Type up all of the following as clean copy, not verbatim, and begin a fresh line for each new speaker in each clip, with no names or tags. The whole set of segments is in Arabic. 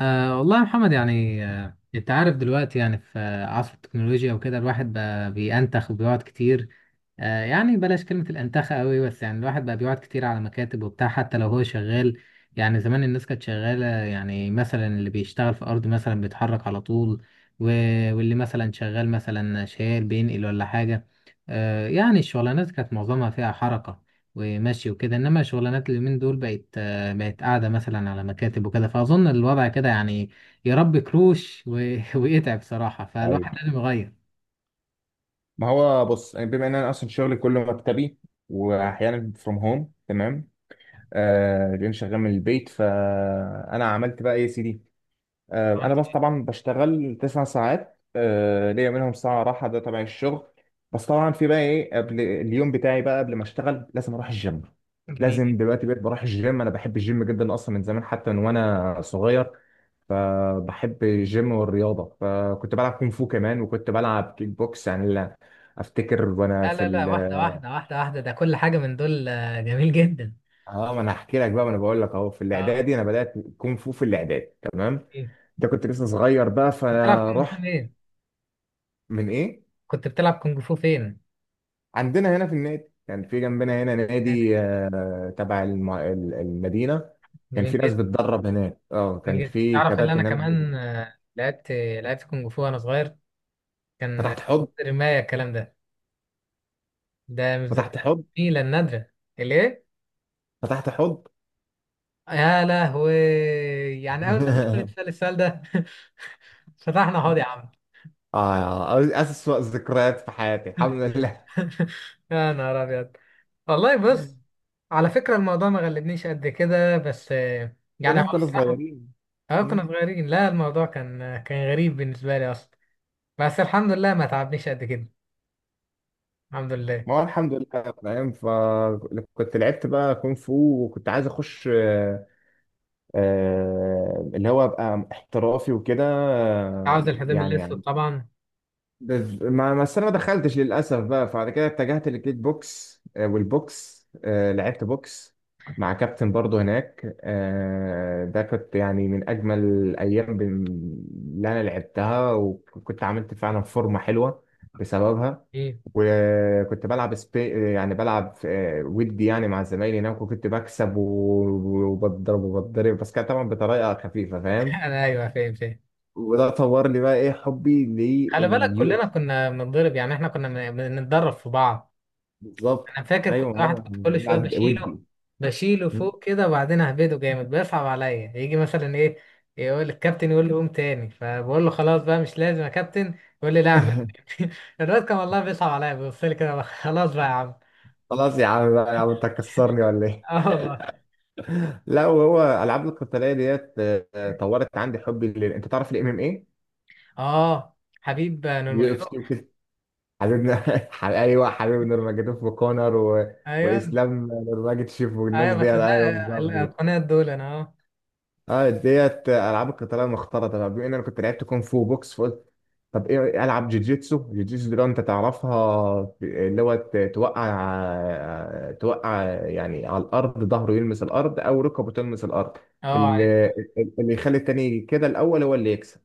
والله يا محمد، يعني انت عارف دلوقتي، يعني في عصر التكنولوجيا وكده الواحد بقى بينتخ وبيقعد كتير. يعني بلاش كلمة الانتخة قوي، بس يعني الواحد بقى بيقعد كتير على مكاتب وبتاع حتى لو هو شغال. يعني زمان الناس كانت شغالة، يعني مثلا اللي بيشتغل في أرض مثلا بيتحرك على طول و- واللي مثلا شغال مثلا شايل بينقل ولا حاجة. يعني الشغلانات كانت معظمها فيها حركة ومشي وكده، إنما شغلانات اليومين دول بقت، بقت قاعدة مثلا على مكاتب وكده، فأظن الوضع كده يعني يربي كروش ويتعب صراحة،
ايوه.
فالواحد لازم يغير.
ما هو بص، يعني بما ان انا اصلا شغلي كله مكتبي، واحيانا فروم هوم. تمام، لان شغال من البيت. فانا عملت بقى ايه يا سيدي؟ انا
عملت
بس
إيه؟
طبعا بشتغل 9 ساعات، ليا منهم ساعه راحه. ده تبع الشغل. بس طبعا في بقى ايه قبل اليوم بتاعي، بقى قبل ما اشتغل لازم اروح الجيم.
جميل.
دلوقتي بقيت بروح الجيم. انا بحب الجيم جدا اصلا من زمان، حتى من وانا صغير. فبحب الجيم والرياضة. فكنت بلعب كونغ فو كمان، وكنت بلعب كيك بوكس، لا افتكر وانا
لا
في
لا لا، واحدة واحدة واحدة واحدة، ده كل حاجة من دول جميل جدا.
اه، ما انا هحكي لك بقى. ما انا بقول لك اهو، في
اه.
الاعدادي انا بدأت كونغ فو في الاعدادي. تمام،
ايه.
ده كنت لسه صغير بقى،
بتلعب كونج فو
فرحت
فين؟
من ايه؟
كنت بتلعب كونج فو فين؟
عندنا هنا في النادي، كان في جنبنا هنا نادي، تبع المدينة. كان في
جميل
ناس
جدا.
بتدرب هناك، اه كان
جميل جدا.
في
تعرف ان انا
كباتن هناك.
كمان لعبت، لعبت كونج فو وانا صغير. كان
فتحت حب،
رماية الكلام ده، ده من
فتحت
الذكريات
حب،
الجميلة النادرة. ليه؟
فتحت حب.
يا لهوي، يعني اول ما اتقابلت السؤال ده فتحنا حوض يا عم.
اه اسوأ ذكريات في حياتي الحمد لله.
يا نهار ابيض. والله بص، على فكره الموضوع ما غلبنيش قد كده، بس
لان
يعني
احنا
هو
كنا
بصراحه.
صغيرين.
اه
مم.
كنا صغيرين، لا الموضوع كان غريب بالنسبه لي اصلا، بس الحمد لله ما تعبنيش قد كده، الحمد لله.
ما هو الحمد لله، فاهم؟ فكنت لعبت بقى كونغ فو، وكنت عايز اخش اللي هو ابقى احترافي وكده،
عاوز الحزام الاسود طبعا.
بس انا ما دخلتش للاسف بقى. فبعد كده اتجهت للكيك بوكس والبوكس، لعبت بوكس مع كابتن برضه هناك. ده كنت يعني من اجمل الايام اللي انا لعبتها، وكنت عملت فعلا فورمه حلوه بسببها.
ايه.
وكنت بلعب سبي، يعني بلعب، ودي يعني مع زمايلي هناك، وكنت بكسب وبضرب وبضرب، بس كانت طبعا بطريقه خفيفه، فاهم؟
انا ايوه فاهم فاهم.
وده طور لي بقى ايه حبي.
خلي بالك كلنا كنا بنتضرب، يعني احنا كنا بنتدرب في بعض.
بالظبط.
انا فاكر
ايوه،
كنت
ما
واحد
هو
كنت كل شويه
قاعد
بشيله،
ودي.
بشيله فوق كده، وبعدين اهبده جامد، بيصعب عليا يجي مثلا ايه يقول الكابتن، يقول لي قوم تاني، فبقول له خلاص بقى مش لازم يا كابتن، يقول لي لا اعمل الواد كان والله بيصعب عليا بيبص لي كده خلاص بقى يا عم.
خلاص يا عم بقى، يا عم انت هتكسرني ولا ايه؟
اه والله.
لا، وهو العاب القتاليه ديت طورت عندي حبي لل... انت تعرف الام ام ايه؟
اه حبيب نور
يو اف سي
مجدوح.
وكده، حبيبنا ايوه، حبيب نورماجيتوف وكونر و...
ايوه.
واسلام نورماجيتشيف والناس
ايوه
دي.
بس ده
ايوه بالظبط.
القناة دول انا. اه.
اه، ديت العاب القتاليه المختلطه بقى. بما ان انا كنت لعبت كونغ فو بوكس، فقلت طب ايه العب جوجيتسو. جوجيتسو دي لو انت تعرفها، اللي هو توقع توقع يعني على الارض، ظهره يلمس الارض او ركبه تلمس الارض.
اه عارف.
اللي, اللي يخلي التاني كده الاول هو اللي يكسب.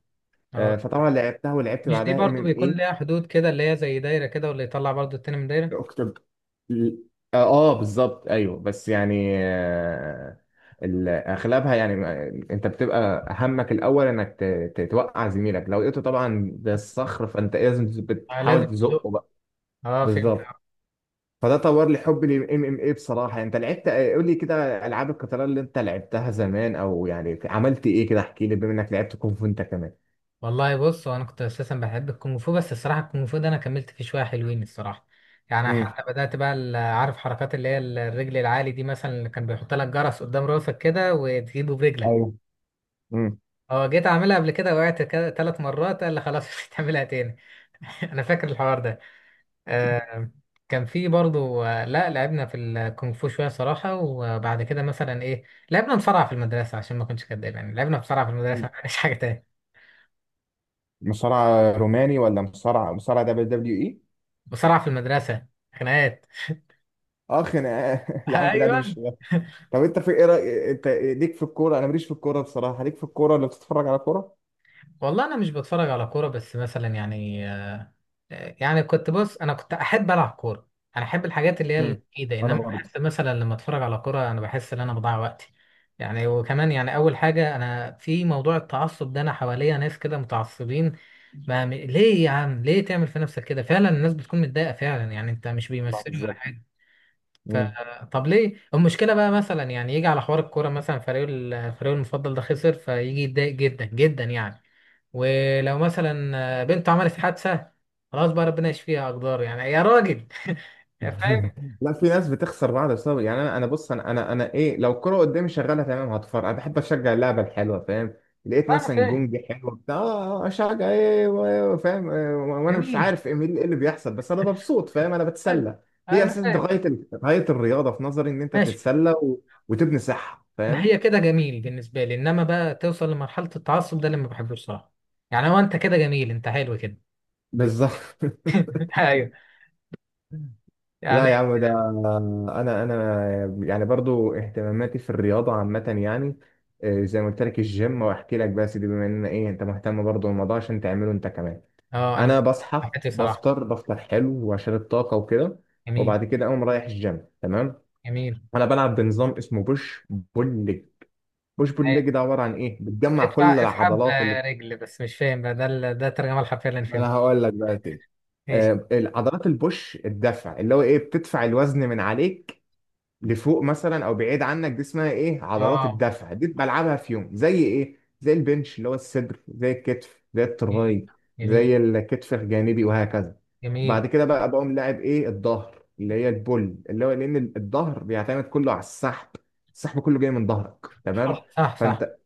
اه
فطبعا لعبتها، ولعبت
مش دي
بعدها ام
برضو بيكون
ام.
ليها حدود كده، اللي هي زي دايره كده، واللي يطلع برضو التاني من دايره.
اكتب. اه بالظبط. ايوه، بس يعني، اغلبها يعني انت بتبقى همك الاول انك توقع زميلك. لو لقيته طبعا بالصخر، فانت لازم
آه لازم
بتحاول
تزق.
تزقه بقى.
اه فهمت.
بالظبط. فده طور لي حبي للام ام اي. بصراحه انت لعبت، قول لي كده، العاب القتال اللي انت لعبتها زمان، او يعني عملت ايه كده، احكي لي بما انك لعبت كونغ فو انت كمان.
والله بص، هو انا كنت اساسا بحب الكونغ فو، بس الصراحه الكونغ فو ده انا كملت فيه شويه حلوين الصراحه، يعني
امم.
حتى بدات بقى عارف حركات اللي هي الرجل العالي دي مثلا، اللي كان بيحط لك جرس قدام راسك كده وتجيبه برجلك.
ايوه. امم.
اه جيت اعملها قبل كده وقعت كده ثلاث مرات، قال لي خلاص مش هتعملها تاني. انا فاكر الحوار ده. آه كان في برضو لا لعبنا في الكونغ فو شويه صراحه، وبعد كده مثلا ايه لعبنا مصارعه في المدرسه عشان ما كنتش كداب، يعني لعبنا مصارعه في المدرسه مش حاجه تاني.
مصارع روماني، ولا مصارع مصارع دبليو دبليو اي؟
مصارعه في المدرسه، خناقات.
اه خناقات. يا عم لا، دي مش
ايوه.
خناقات. طب انت في ايه رأي، انت ليك في الكوره؟ انا ماليش في الكوره بصراحه. ليك في الكوره، اللي بتتفرج على كوره؟
والله انا مش بتفرج على كوره، بس مثلا يعني كنت، بص انا كنت احب العب كوره، انا احب الحاجات اللي هي
امم.
الايده،
انا
انما
برضه.
بحس مثلا لما اتفرج على كوره انا بحس ان انا بضيع وقتي يعني. وكمان يعني اول حاجه، انا في موضوع التعصب ده انا حواليا ناس كده متعصبين، ما ليه يا عم، ليه تعمل في نفسك كده، فعلا الناس بتكون متضايقه فعلا، يعني انت مش
لا
بيمثلوا ولا
بالظبط.
حاجه. ف...
مم.
طب ليه المشكله بقى، مثلا يعني يجي على حوار الكوره مثلا، فريقه فريقه المفضل ده خسر، فيجي يتضايق جدا جدا يعني، ولو مثلا بنته عملت حادثه خلاص بقى ربنا يشفيها، اقدار يعني يا راجل. يا فاهم.
لا، في ناس بتخسر بعض بسبب، يعني انا بص، انا ايه، لو الكوره قدامي شغاله تمام هتفرج، انا بحب اشجع اللعبه الحلوه، فاهم؟ لقيت
انا
مثلا
فاهم.
جونج حلو بتاع، اشجع ايه و- إيه، فاهم؟ وانا مش
جميل.
عارف ايه إيه اللي بيحصل، بس انا مبسوط، فاهم؟ انا
حلو.
بتسلى. هي
انا
اساس ده
فاهم.
غايه غايه الرياضه في نظري، ان انت
ماشي.
تتسلى و... وتبني صحه،
ما
فاهم؟
هي كده جميل بالنسبه لي، انما بقى توصل لمرحله التعصب ده اللي ما بحبوش صراحه، يعني هو انت كده جميل، انت حلو كده.
بالظبط.
ايوه.
لا يا
يعني.
عم ده، انا يعني برضو اهتماماتي في الرياضه عامه يعني، زي ما قلت لك الجيم، واحكي لك بس دي بما ان ايه انت مهتم برضو بالموضوع عشان تعمله انت كمان.
اه انا
انا
بحب
بصحى
حياتي صراحه.
بفطر، بفطر حلو وعشان الطاقه وكده.
جميل.
وبعد كده اقوم رايح الجيم. تمام،
جميل.
انا بلعب بنظام اسمه بوش بول ليج. بوش بول ليج ده عباره عن ايه؟ بتجمع
اطلع
كل
افحم
العضلات اللي
رجل، بس مش فاهم بقى ده ده الترجمة الحرفية اللي انا
انا
فهمتها.
هقول لك بقى ايه.
ماشي.
العضلات البوش الدفع، اللي هو ايه بتدفع الوزن من عليك لفوق مثلا او بعيد عنك. دي اسمها ايه؟ عضلات
اه.
الدفع. دي بلعبها في يوم زي ايه، زي البنش اللي هو الصدر، زي الكتف، زي
جميل.
التراي،
جميل.
زي الكتف الجانبي، وهكذا.
جميل.
بعد كده بقى بقوم لاعب ايه، الظهر اللي هي البول، اللي هو لان الظهر بيعتمد كله على السحب. السحب كله جاي من ظهرك. تمام،
صح صح صح.
فانت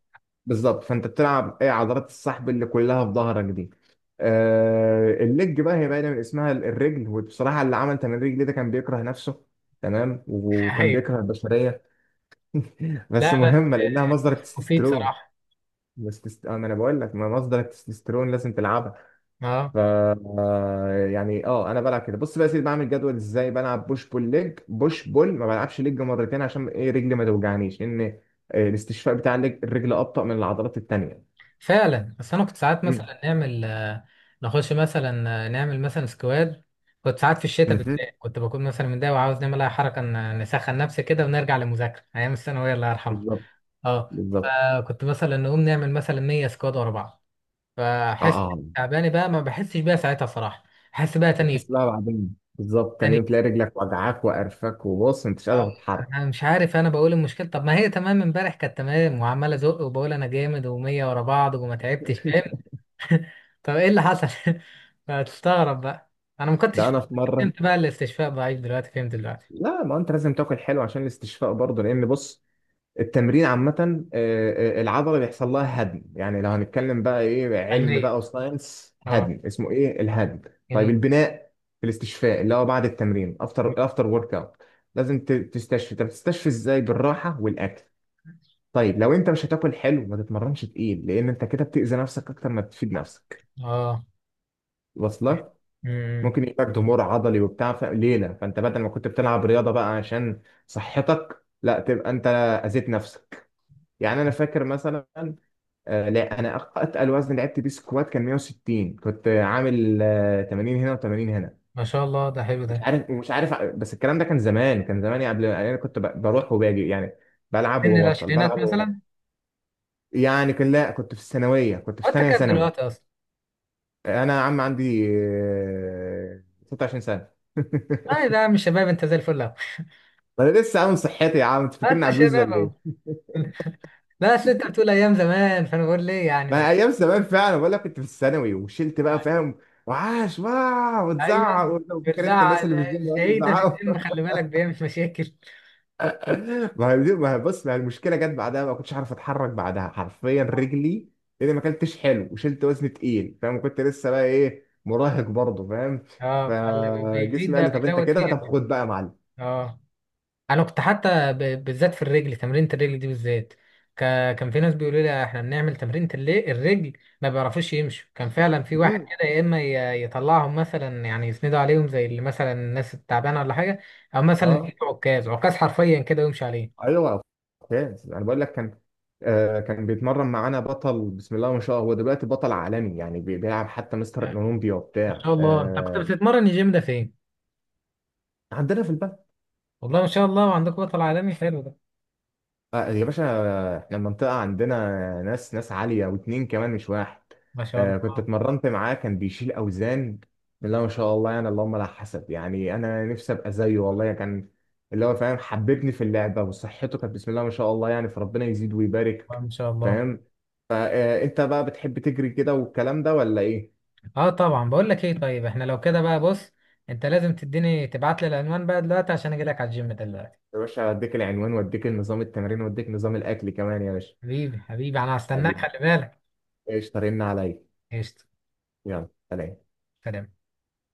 بالظبط، فانت بتلعب ايه، عضلات السحب اللي كلها في ظهرك دي. آه، الليج بقى هي باينه من اسمها، الرجل. وبصراحه اللي عمل تمرين الرجل ده كان بيكره نفسه، تمام، وكان
ايوه.
بيكره البشريه. بس
لا بس
مهمه لانها مصدر
بس مفيد
التستوستيرون.
صراحة.
انا بقول لك ما مصدر التستوستيرون لازم تلعبها.
اه
ف آه، يعني اه انا بلعب كده. بص بقى يا سيدي، بعمل جدول ازاي، بلعب بوش بول ليج، بوش بول، ما بلعبش ليج مرتين عشان ايه، رجلي ما توجعنيش، لان الاستشفاء بتاع الرجل ابطأ من العضلات التانيه.
فعلا، بس انا كنت ساعات مثلا نعمل نخش مثلا نعمل مثلا سكواد، كنت ساعات في الشتاء
مم.
بالذات كنت بكون مثلا متضايق وعاوز نعمل اي حركة نسخن نفسي كده ونرجع للمذاكرة ايام الثانوية الله يرحمها.
بالظبط.
اه
بالظبط.
فكنت مثلا نقوم نعمل مثلا 100 سكواد ورا بعض،
اه
فاحس
اه آه.
تعبانه بقى ما بحسش بيها ساعتها صراحه، احس بقى تاني يوم.
بتحس بقى بعدين، بالظبط، تاني
تاني
يوم
يوم،
تلاقي رجلك وجعاك وقرفك، وبص انت مش
آه،
قادر تتحرك.
انا مش عارف، انا بقول المشكله، طب ما هي تمام امبارح كانت تمام، وعمال ازق وبقول انا جامد ومية ورا بعض وما تعبتش، فاهم. طب ايه اللي حصل؟ فتستغرب بقى، انا ما
ده
كنتش
انا في مره،
فهمت بقى الاستشفاء ضعيف دلوقتي، فهمت دلوقتي.
لا ما انت لازم تاكل حلو عشان الاستشفاء برضه. لان بص، التمرين عامه، العضله بيحصل لها هدم. يعني لو هنتكلم بقى ايه، علم
علميا.
بقى وساينس،
اه.
هدم، اسمه ايه الهدم؟ طيب
جميل.
البناء، في الاستشفاء، اللي هو بعد التمرين، افتر افتر ورك اوت، لازم تستشفي. طب تستشفي ازاي؟ بالراحه والاكل. طيب لو انت مش هتاكل حلو ما تتمرنش تقيل، لان انت كده بتأذي نفسك اكتر ما بتفيد نفسك.
اه.
واصلك
امم.
ممكن يجيلك ضمور عضلي وبتاع في ليله. فانت بدل ما كنت بتلعب رياضه بقى عشان صحتك، لا تبقى انت اذيت نفسك. يعني انا فاكر مثلا، آه، لا انا اتقل وزن لعبت بيه سكوات كان 160، كنت عامل 80 هنا و80 هنا،
ما شاء الله ده حلو
مش
ده.
عارف مش عارف بس الكلام ده كان زمان، كان زمان، يعني قبل يعني انا كنت بروح وباجي، يعني بلعب
سن
وببطل،
العشرينات
بلعب
مثلا.
وببطل. يعني كان، لا كنت في الثانويه، كنت في
وانت
ثانيه
كام
ثانوي.
دلوقتي اصلا؟
انا يا عم عندي 26 سنه.
اه ده يا عم شباب، انت زي الفل اهو.
انا لسه عامل صحتي يا عم، انت فاكرني
انت
عجوز ولا
شباب،
ايه؟
لا اصل انت بتقول ايام زمان فانا بقول ليه يعني.
ما ايام زمان فعلا بقول لك كنت في الثانوي، وشلت بقى،
يعني.
فاهم؟ وعاش واو، وتزعق
ايوه.
وفاكر انت
بالله
الناس اللي في الجيم يقعدوا
العيد ده في
يزعقوا.
الدم، خلي بالك بيعمل مشاكل.
ما هي بص، ما هي المشكله جت بعدها، ما كنتش عارف اتحرك بعدها حرفيا، رجلي لاني ما اكلتش حلو وشلت وزن تقيل، فاهم؟ كنت لسه بقى ايه، مراهق برضه، فاهم؟
اه فاللي بيزيد
فجسمي قال
ده
لي طب انت
بيزود
كده،
فيك.
طب خد بقى يا معلم.
اه انا كنت حتى بالذات في الرجل، تمرينة الرجل دي بالذات كان في ناس بيقولوا لي احنا بنعمل تمرينة الرجل ما بيعرفوش يمشوا، كان فعلا في واحد
مم.
كده يا اما يطلعهم مثلا يعني يسندوا عليهم زي اللي مثلا الناس التعبانه ولا حاجه، او مثلا
اه.
يجيب عكاز، عكاز حرفيا كده ويمشي عليه.
ايوه، ممتاز. انا بقول لك كان آه، كان بيتمرن معانا بطل، بسم الله ما شاء الله، هو دلوقتي بطل عالمي يعني، بيلعب حتى مستر اولمبيا
ما
وبتاع
شاء الله، انت كنت
آه.
بتتمرن الجيم ده فين؟
عندنا في البلد.
والله ما شاء الله عندكم بطل عالمي، حلو ده.
آه، يا باشا، احنا المنطقة عندنا ناس، ناس عالية، واتنين كمان مش واحد.
ما شاء
آه، كنت
الله.
اتمرنت معاه، كان بيشيل أوزان، لا ما شاء الله يعني، اللهم لا حسب، يعني أنا نفسي أبقى زيه والله. يعني كان اللي هو فاهم حببني في اللعبة، وصحته كانت بسم الله ما شاء الله يعني، فربنا يزيد ويبارك،
ما شاء الله.
فاهم؟ فأنت بقى بتحب تجري كده والكلام ده ولا إيه؟
اه طبعا، بقول لك ايه، طيب احنا لو كده بقى بص، انت لازم تديني، تبعت لي العنوان بقى دلوقتي عشان اجي لك على الجيم دلوقتي.
يا باشا أديك العنوان، وأديك النظام التمرين، وأديك نظام الأكل كمان يا باشا.
حبيبي حبيبي، انا هستناك
حبيبي،
خلي بالك.
إيش طارينا عليا.
قشطة.
يلا سلام.
سلام.